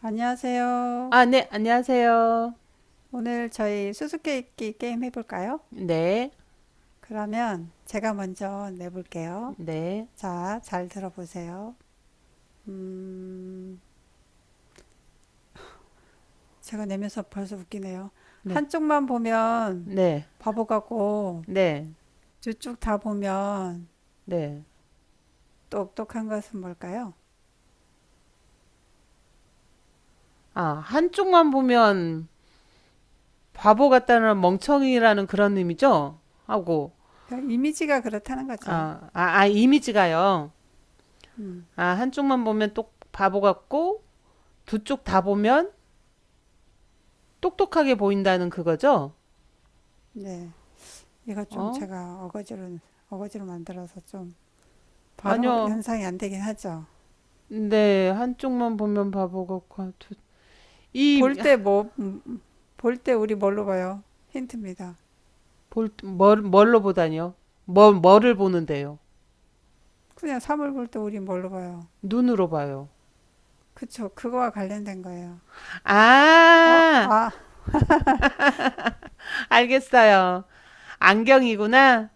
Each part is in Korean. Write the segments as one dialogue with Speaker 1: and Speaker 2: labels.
Speaker 1: 안녕하세요.
Speaker 2: 아, 네, 안녕하세요.
Speaker 1: 오늘 저희 수수께끼 게임 해볼까요?
Speaker 2: 네,
Speaker 1: 그러면 제가 먼저 내볼게요.
Speaker 2: 네,
Speaker 1: 자, 잘 들어보세요. 음, 제가 내면서 벌써 웃기네요.
Speaker 2: 네,
Speaker 1: 한쪽만 보면
Speaker 2: 네,
Speaker 1: 바보 같고,
Speaker 2: 네,
Speaker 1: 두 쪽 다 보면
Speaker 2: 네.
Speaker 1: 똑똑한 것은 뭘까요?
Speaker 2: 아, 한쪽만 보면 바보 같다는 멍청이라는 그런 의미죠? 하고,
Speaker 1: 그냥 이미지가 그렇다는 거죠.
Speaker 2: 아, 아, 아, 이미지가요.
Speaker 1: 음,
Speaker 2: 아, 한쪽만 보면 똑 바보 같고, 두 쪽 다 보면 똑똑하게 보인다는 그거죠?
Speaker 1: 네. 이거 좀
Speaker 2: 어?
Speaker 1: 제가 어거지로, 어거지로 만들어서 좀 바로
Speaker 2: 아니요.
Speaker 1: 연상이 안 되긴 하죠.
Speaker 2: 네, 한쪽만 보면 바보 같고, 두,
Speaker 1: 볼
Speaker 2: 이,
Speaker 1: 때 볼 때 우리 뭘로 봐요? 힌트입니다.
Speaker 2: 볼, 뭘, 뭘로 보다니요? 뭘, 뭐를 보는데요?
Speaker 1: 그냥 사물 볼 때 우리 뭘로 봐요?
Speaker 2: 눈으로 봐요.
Speaker 1: 그쵸. 그거와 관련된 거예요. 아,
Speaker 2: 아,
Speaker 1: 아,
Speaker 2: 알겠어요. 안경이구나.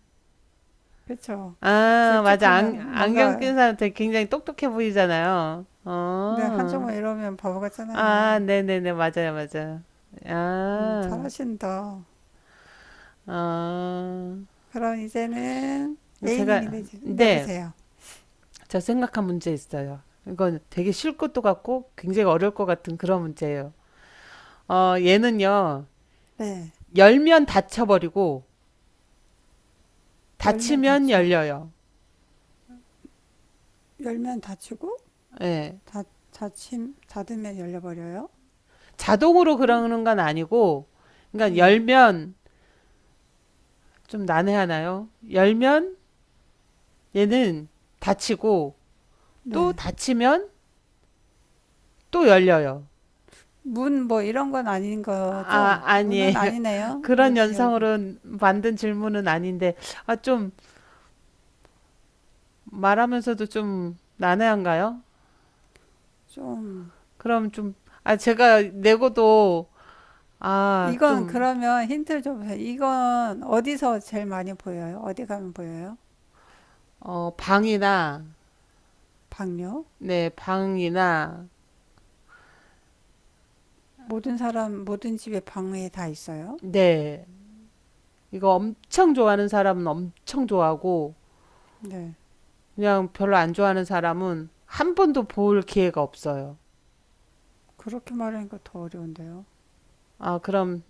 Speaker 1: 그쵸.
Speaker 2: 아, 맞아. 안,
Speaker 1: 들쭉하면
Speaker 2: 안경 낀
Speaker 1: 뭔가,
Speaker 2: 사람한테 굉장히 똑똑해 보이잖아요.
Speaker 1: 근데
Speaker 2: 어.
Speaker 1: 한쪽만 이러면 바보
Speaker 2: 아,
Speaker 1: 같잖아요.
Speaker 2: 네네네. 맞아요, 맞아요. 아,
Speaker 1: 잘하신다.
Speaker 2: 어.
Speaker 1: 그럼 이제는 A님이
Speaker 2: 제가, 네.
Speaker 1: 내보세요.
Speaker 2: 저 생각한 문제 있어요. 이건 되게 쉬울 것도 같고 굉장히 어려울 것 같은 그런 문제예요. 어, 얘는요.
Speaker 1: 네.
Speaker 2: 열면 닫혀버리고
Speaker 1: 열면
Speaker 2: 닫히면
Speaker 1: 닫혀.
Speaker 2: 열려요.
Speaker 1: 열면 닫히고,
Speaker 2: 예.
Speaker 1: 닫으면 열려버려요.
Speaker 2: 자동으로 그러는 건 아니고, 그러니까
Speaker 1: 네.
Speaker 2: 열면 좀 난해하나요? 열면 얘는 닫히고 또
Speaker 1: 네.
Speaker 2: 닫히면 또 열려요.
Speaker 1: 문 뭐 이런 건 아닌
Speaker 2: 아,
Speaker 1: 거죠? 문은
Speaker 2: 아니에요.
Speaker 1: 아니네요.
Speaker 2: 그런
Speaker 1: 문은 열고.
Speaker 2: 연상으로 만든 질문은 아닌데, 아, 좀 말하면서도 좀 난해한가요?
Speaker 1: 좀
Speaker 2: 그럼 좀, 아, 제가 내고도, 아,
Speaker 1: 이건
Speaker 2: 좀,
Speaker 1: 그러면 힌트를 좀 주세요. 이건 어디서 제일 많이 보여요? 어디 가면 보여요?
Speaker 2: 어, 방이나,
Speaker 1: 방요?
Speaker 2: 네, 방이나,
Speaker 1: 모든 사람, 모든 집에 방에 다 있어요?
Speaker 2: 네. 이거 엄청 좋아하는 사람은 엄청 좋아하고,
Speaker 1: 네.
Speaker 2: 그냥 별로 안 좋아하는 사람은 한 번도 볼 기회가 없어요.
Speaker 1: 그렇게 말하니까 더 어려운데요.
Speaker 2: 아, 그럼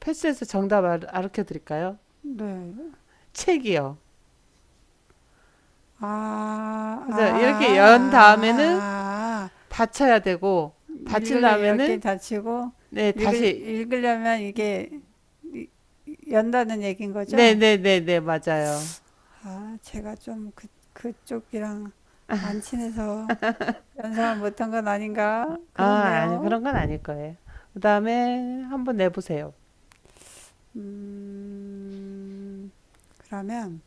Speaker 2: 패스에서 정답 알, 아르켜 드릴까요?
Speaker 1: 네.
Speaker 2: 책이요. 그래서 이렇게 연 다음에는
Speaker 1: 아.
Speaker 2: 닫혀야 되고, 닫힌
Speaker 1: 읽으려 열 개
Speaker 2: 다음에는,
Speaker 1: 다치고,
Speaker 2: 네, 다시,
Speaker 1: 읽으려면 이게 이- 연다는 얘기인
Speaker 2: 네네네네,
Speaker 1: 거죠?
Speaker 2: 네, 네, 네, 맞아요.
Speaker 1: 아, 제가 좀 그, 그쪽이랑 안 친해서 연상을 못한 건 아닌가?
Speaker 2: 아, 아니,
Speaker 1: 그렇네요.
Speaker 2: 그런 건 아닐 거예요. 그 다음에 한번 내보세요.
Speaker 1: 음, 그러면,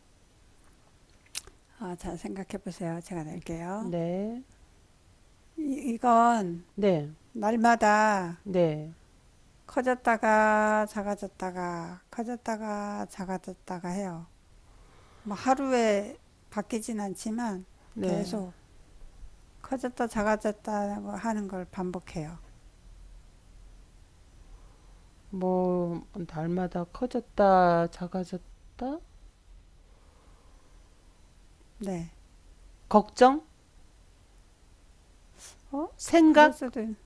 Speaker 1: 아, 잘 생각해 보세요. 제가 낼게요.
Speaker 2: 네,
Speaker 1: 이건
Speaker 2: 네,
Speaker 1: 날마다
Speaker 2: 네,
Speaker 1: 커졌다가 작아졌다가 커졌다가 작아졌다가 해요. 뭐 하루에 바뀌진 않지만
Speaker 2: 네.
Speaker 1: 계속 커졌다 작아졌다 하는 걸 반복해요.
Speaker 2: 뭐, 날마다 커졌다, 작아졌다?
Speaker 1: 네.
Speaker 2: 걱정?
Speaker 1: 어? 그럴
Speaker 2: 생각?
Speaker 1: 수도, 있-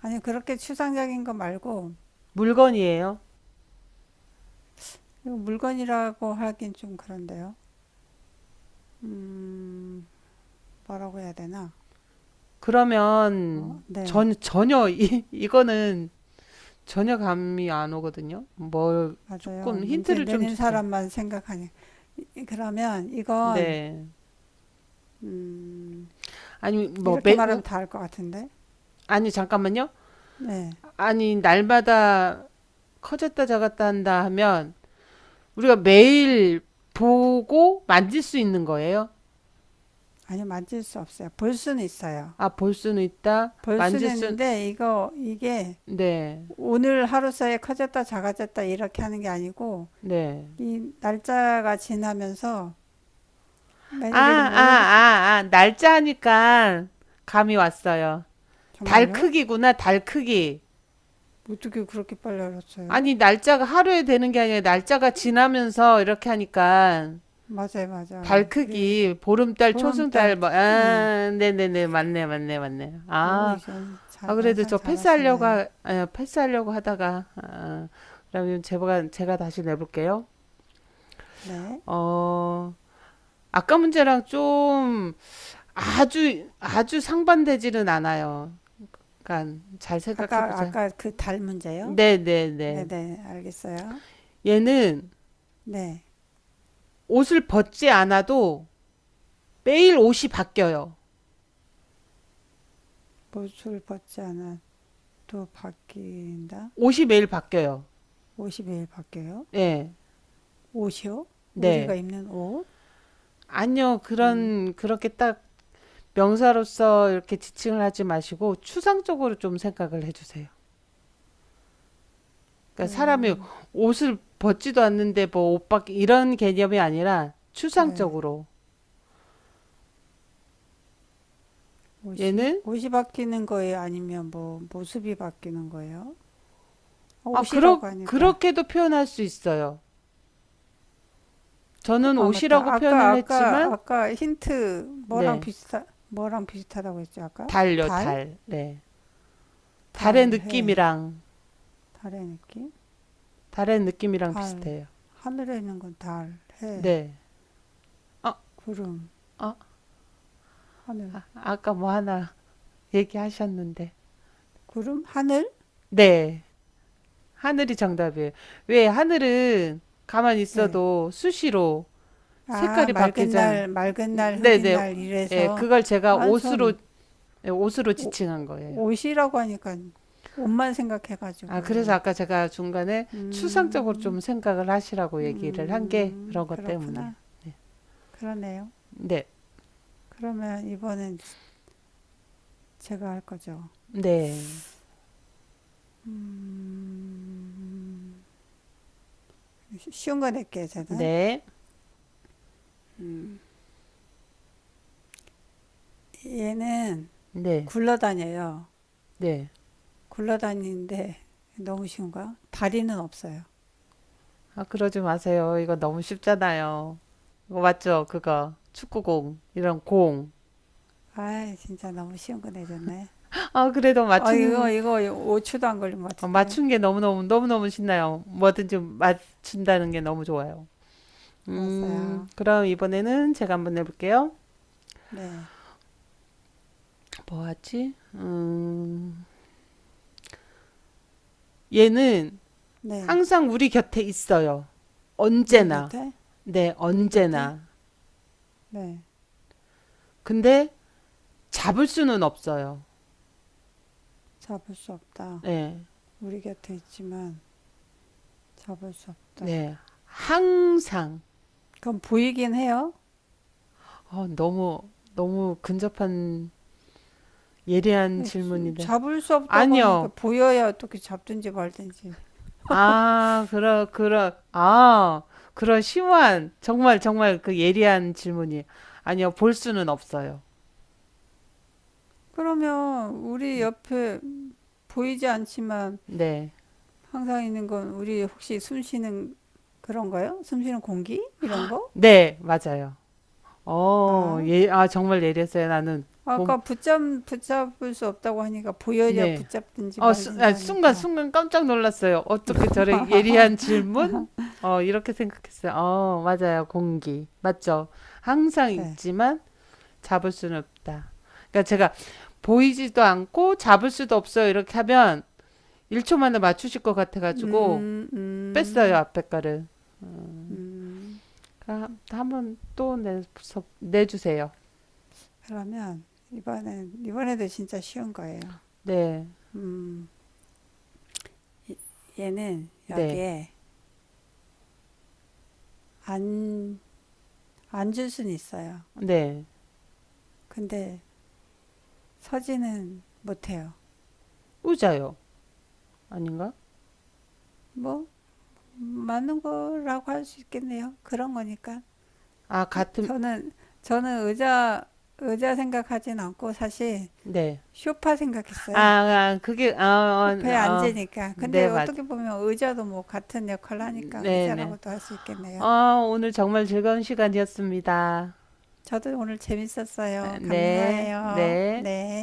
Speaker 1: 아니, 그렇게 추상적인 거 말고,
Speaker 2: 물건이에요.
Speaker 1: 물건이라고 하긴 좀 그런데요. 음, 뭐라고 해야 되나? 어,
Speaker 2: 그러면
Speaker 1: 네,
Speaker 2: 전, 전혀 이, 이거는 전혀 감이 안 오거든요. 뭘
Speaker 1: 맞아요.
Speaker 2: 조금
Speaker 1: 문제
Speaker 2: 힌트를 좀
Speaker 1: 내는
Speaker 2: 주세요.
Speaker 1: 사람만 생각하니. 그러면 이건,
Speaker 2: 네.
Speaker 1: 음,
Speaker 2: 아니 뭐
Speaker 1: 이렇게
Speaker 2: 매, 우,
Speaker 1: 말하면 다 알 것 같은데?
Speaker 2: 아니 잠깐만요.
Speaker 1: 네.
Speaker 2: 아니 날마다 커졌다 작았다 한다 하면 우리가 매일 보고 만질 수 있는 거예요?
Speaker 1: 아니, 만질 수 없어요. 볼 수는 있어요.
Speaker 2: 아, 볼 수는 있다.
Speaker 1: 볼
Speaker 2: 만질
Speaker 1: 수는
Speaker 2: 수
Speaker 1: 있는데, 이게
Speaker 2: 네.
Speaker 1: 오늘 하루 사이에 커졌다, 작아졌다, 이렇게 하는 게 아니고,
Speaker 2: 네.
Speaker 1: 이 날짜가 지나면서, 뭐
Speaker 2: 아,
Speaker 1: 예를 들면
Speaker 2: 아,
Speaker 1: 오늘부터,
Speaker 2: 아, 아. 날짜 하니까 감이 왔어요. 달
Speaker 1: 정말요?
Speaker 2: 크기구나, 달 크기.
Speaker 1: 어떻게 그렇게 빨리 알았어요?
Speaker 2: 아니, 날짜가 하루에 되는 게 아니라 날짜가 지나면서 이렇게 하니까
Speaker 1: 맞아요,
Speaker 2: 달
Speaker 1: 맞아요. 우리
Speaker 2: 크기,
Speaker 1: 왜
Speaker 2: 보름달,
Speaker 1: 보름달,
Speaker 2: 초승달, 뭐,
Speaker 1: 응.
Speaker 2: 아, 네네네, 맞네, 맞네, 맞네.
Speaker 1: 오,
Speaker 2: 아,
Speaker 1: 이건 자,
Speaker 2: 아, 그래도
Speaker 1: 연상
Speaker 2: 저 패스하려고,
Speaker 1: 잘하시네요.
Speaker 2: 하- 아, 패스하려고 하다가, 아, 그러면 제가, 제가 다시 내볼게요.
Speaker 1: 네.
Speaker 2: 어, 아까 문제랑 좀 아주, 아주 상반되지는 않아요. 그러니까 잘 생각해 보세요.
Speaker 1: 아까 그 달 문제요?
Speaker 2: 네네네.
Speaker 1: 네네, 알겠어요.
Speaker 2: 얘는
Speaker 1: 네.
Speaker 2: 옷을 벗지 않아도 매일 옷이 바뀌어요.
Speaker 1: 못을 벗지 않아도 바뀐다?
Speaker 2: 옷이 매일 바뀌어요.
Speaker 1: 옷이 매일 바뀌어요?
Speaker 2: 네,
Speaker 1: 옷이요? 우리가
Speaker 2: 네.
Speaker 1: 입는 옷?
Speaker 2: 아니요.
Speaker 1: 음,
Speaker 2: 그런 그렇게 딱 명사로서 이렇게 지칭을 하지 마시고 추상적으로 좀 생각을 해 주세요.
Speaker 1: 뿔,
Speaker 2: 그러니까 사람이 옷을 벗지도 않는데 뭐 옷밖에 이런 개념이 아니라
Speaker 1: 네.
Speaker 2: 추상적으로
Speaker 1: 옷이?
Speaker 2: 얘는
Speaker 1: 옷이 바뀌는 거예요? 아니면 뭐, 모습이 바뀌는 거예요? 아,
Speaker 2: 아 그러
Speaker 1: 옷이라고 하니까.
Speaker 2: 그렇게도 표현할 수 있어요. 저는
Speaker 1: 아,
Speaker 2: 옷이라고
Speaker 1: 맞다.
Speaker 2: 표현을 했지만
Speaker 1: 아까 힌트
Speaker 2: 네.
Speaker 1: 뭐랑 비슷하다고 했죠, 아까?
Speaker 2: 달요
Speaker 1: 달?
Speaker 2: 달. 네. 달의
Speaker 1: 달해.
Speaker 2: 느낌이랑
Speaker 1: 달의 느낌?
Speaker 2: 달의 느낌이랑
Speaker 1: 달.
Speaker 2: 비슷해요.
Speaker 1: 하늘에 있는 건 달, 해,
Speaker 2: 네. 어,
Speaker 1: 구름,
Speaker 2: 어,
Speaker 1: 하늘.
Speaker 2: 아, 아까 뭐 하나 얘기하셨는데.
Speaker 1: 구름? 하늘?
Speaker 2: 네. 하늘이 정답이에요. 왜 하늘은 가만히
Speaker 1: 네.
Speaker 2: 있어도 수시로
Speaker 1: 아,
Speaker 2: 색깔이 바뀌잖아요.
Speaker 1: 맑은 날, 흐린
Speaker 2: 네네.
Speaker 1: 날
Speaker 2: 예,
Speaker 1: 이래서
Speaker 2: 그걸 제가
Speaker 1: 아,
Speaker 2: 옷으로,
Speaker 1: 전
Speaker 2: 예, 옷으로
Speaker 1: 오-
Speaker 2: 지칭한 거예요.
Speaker 1: 옷이라고 하니까 옷만
Speaker 2: 아, 그래서
Speaker 1: 생각해가지고
Speaker 2: 아까 제가 중간에 추상적으로
Speaker 1: 음,
Speaker 2: 좀 생각을 하시라고 얘기를 한 게 그런 것 때문이에요.
Speaker 1: 그렇구나.
Speaker 2: 네.
Speaker 1: 그러네요.
Speaker 2: 네.
Speaker 1: 그러면 이번엔 제가 할 거죠.
Speaker 2: 네.
Speaker 1: 쉬- 운 거 낼게요, 저는.
Speaker 2: 네.
Speaker 1: 음, 얘는
Speaker 2: 네.
Speaker 1: 굴러다녀요.
Speaker 2: 네.
Speaker 1: 굴러다니는데 너무 쉬운 거야? 다리는 없어요.
Speaker 2: 아, 그러지 마세요. 이거 너무 쉽잖아요. 이거 맞죠? 그거. 축구공. 이런 공.
Speaker 1: 아, 진짜 너무 쉬운 거 내줬네.
Speaker 2: 아, 그래도
Speaker 1: 아, 이거
Speaker 2: 맞춘,
Speaker 1: 이거 5초도 안 걸린 것
Speaker 2: 어,
Speaker 1: 같은데요.
Speaker 2: 맞춘 게 너무너무, 너무너무 신나요. 뭐든지 맞춘다는 게 너무 좋아요.
Speaker 1: 알았어요.
Speaker 2: 그럼 이번에는 제가 한번 해볼게요.
Speaker 1: 네.
Speaker 2: 뭐 하지? 얘는
Speaker 1: 네.
Speaker 2: 항상 우리 곁에 있어요.
Speaker 1: 우리
Speaker 2: 언제나.
Speaker 1: 곁에?
Speaker 2: 네,
Speaker 1: 우리 곁에?
Speaker 2: 언제나.
Speaker 1: 네.
Speaker 2: 근데 잡을 수는 없어요.
Speaker 1: 잡을 수 없다.
Speaker 2: 네,
Speaker 1: 우리 곁에 있지만 잡을 수 없다.
Speaker 2: 네. 항상.
Speaker 1: 그럼 보이긴 해요.
Speaker 2: 어, 너무, 너무 근접한 예리한 질문인데.
Speaker 1: 잡을 수 없다고 하니까
Speaker 2: 아니요.
Speaker 1: 보여야 어떻게 잡든지 말든지.
Speaker 2: 아, 그러, 그러, 아, 그런 심오한, 정말, 정말 그 예리한 질문이. 아니요, 볼 수는 없어요.
Speaker 1: 그러면 우리
Speaker 2: 음,
Speaker 1: 옆에 보이지 않지만
Speaker 2: 네.
Speaker 1: 항상 있는 건 우리 혹시 숨 쉬는 그런가요? 숨 쉬는 공기? 이런 거?
Speaker 2: 네, 맞아요.
Speaker 1: 아,
Speaker 2: 어, 예, 아, 정말 예리했어요. 나는, 몸,
Speaker 1: 아까 붙잡, 붙잡을 수 없다고 하니까 보여야
Speaker 2: 네.
Speaker 1: 붙잡든지
Speaker 2: 어, 수,
Speaker 1: 말든지
Speaker 2: 아, 순간,
Speaker 1: 하니까.
Speaker 2: 순간 깜짝 놀랐어요. 어떻게 저래 예리한 질문? 어, 이렇게 생각했어요. 어, 맞아요. 공기. 맞죠? 항상
Speaker 1: 네.
Speaker 2: 있지만 잡을 수는 없다. 그러니까 제가 보이지도 않고 잡을 수도 없어요. 이렇게 하면 1초 만에 맞추실 것 같아가지고
Speaker 1: 음,
Speaker 2: 뺐어요
Speaker 1: 음,
Speaker 2: 앞에 거를.
Speaker 1: 음.
Speaker 2: 그럼 한번 또 내, 내주세요.
Speaker 1: 그러면 이번에도 진짜 쉬운 거예요.
Speaker 2: 네,
Speaker 1: 음, 이- 얘는
Speaker 2: 네,
Speaker 1: 여기에 안, 앉을 순 있어요.
Speaker 2: 네.
Speaker 1: 근데 서지는 못해요.
Speaker 2: 우자요. 아닌가?
Speaker 1: 뭐, 맞는 거라고 할 수 있겠네요. 그런 거니까.
Speaker 2: 아, 같은,
Speaker 1: 저는 저는 의자 생각하진 않고 사실
Speaker 2: 네.
Speaker 1: 쇼파
Speaker 2: 아,
Speaker 1: 생각했어요.
Speaker 2: 아 그게, 아, 어,
Speaker 1: 쇼파에
Speaker 2: 어,
Speaker 1: 앉으니까.
Speaker 2: 네,
Speaker 1: 근데
Speaker 2: 맞아.
Speaker 1: 어떻게 보면 의자도 뭐 같은 역할을 하니까
Speaker 2: 네, 네.
Speaker 1: 의자라고도 할 수
Speaker 2: 어,
Speaker 1: 있겠네요.
Speaker 2: 오늘 정말 즐거운 시간이었습니다.
Speaker 1: 저도 오늘 재밌었어요.
Speaker 2: 네,
Speaker 1: 감사해요.
Speaker 2: 네.
Speaker 1: 네.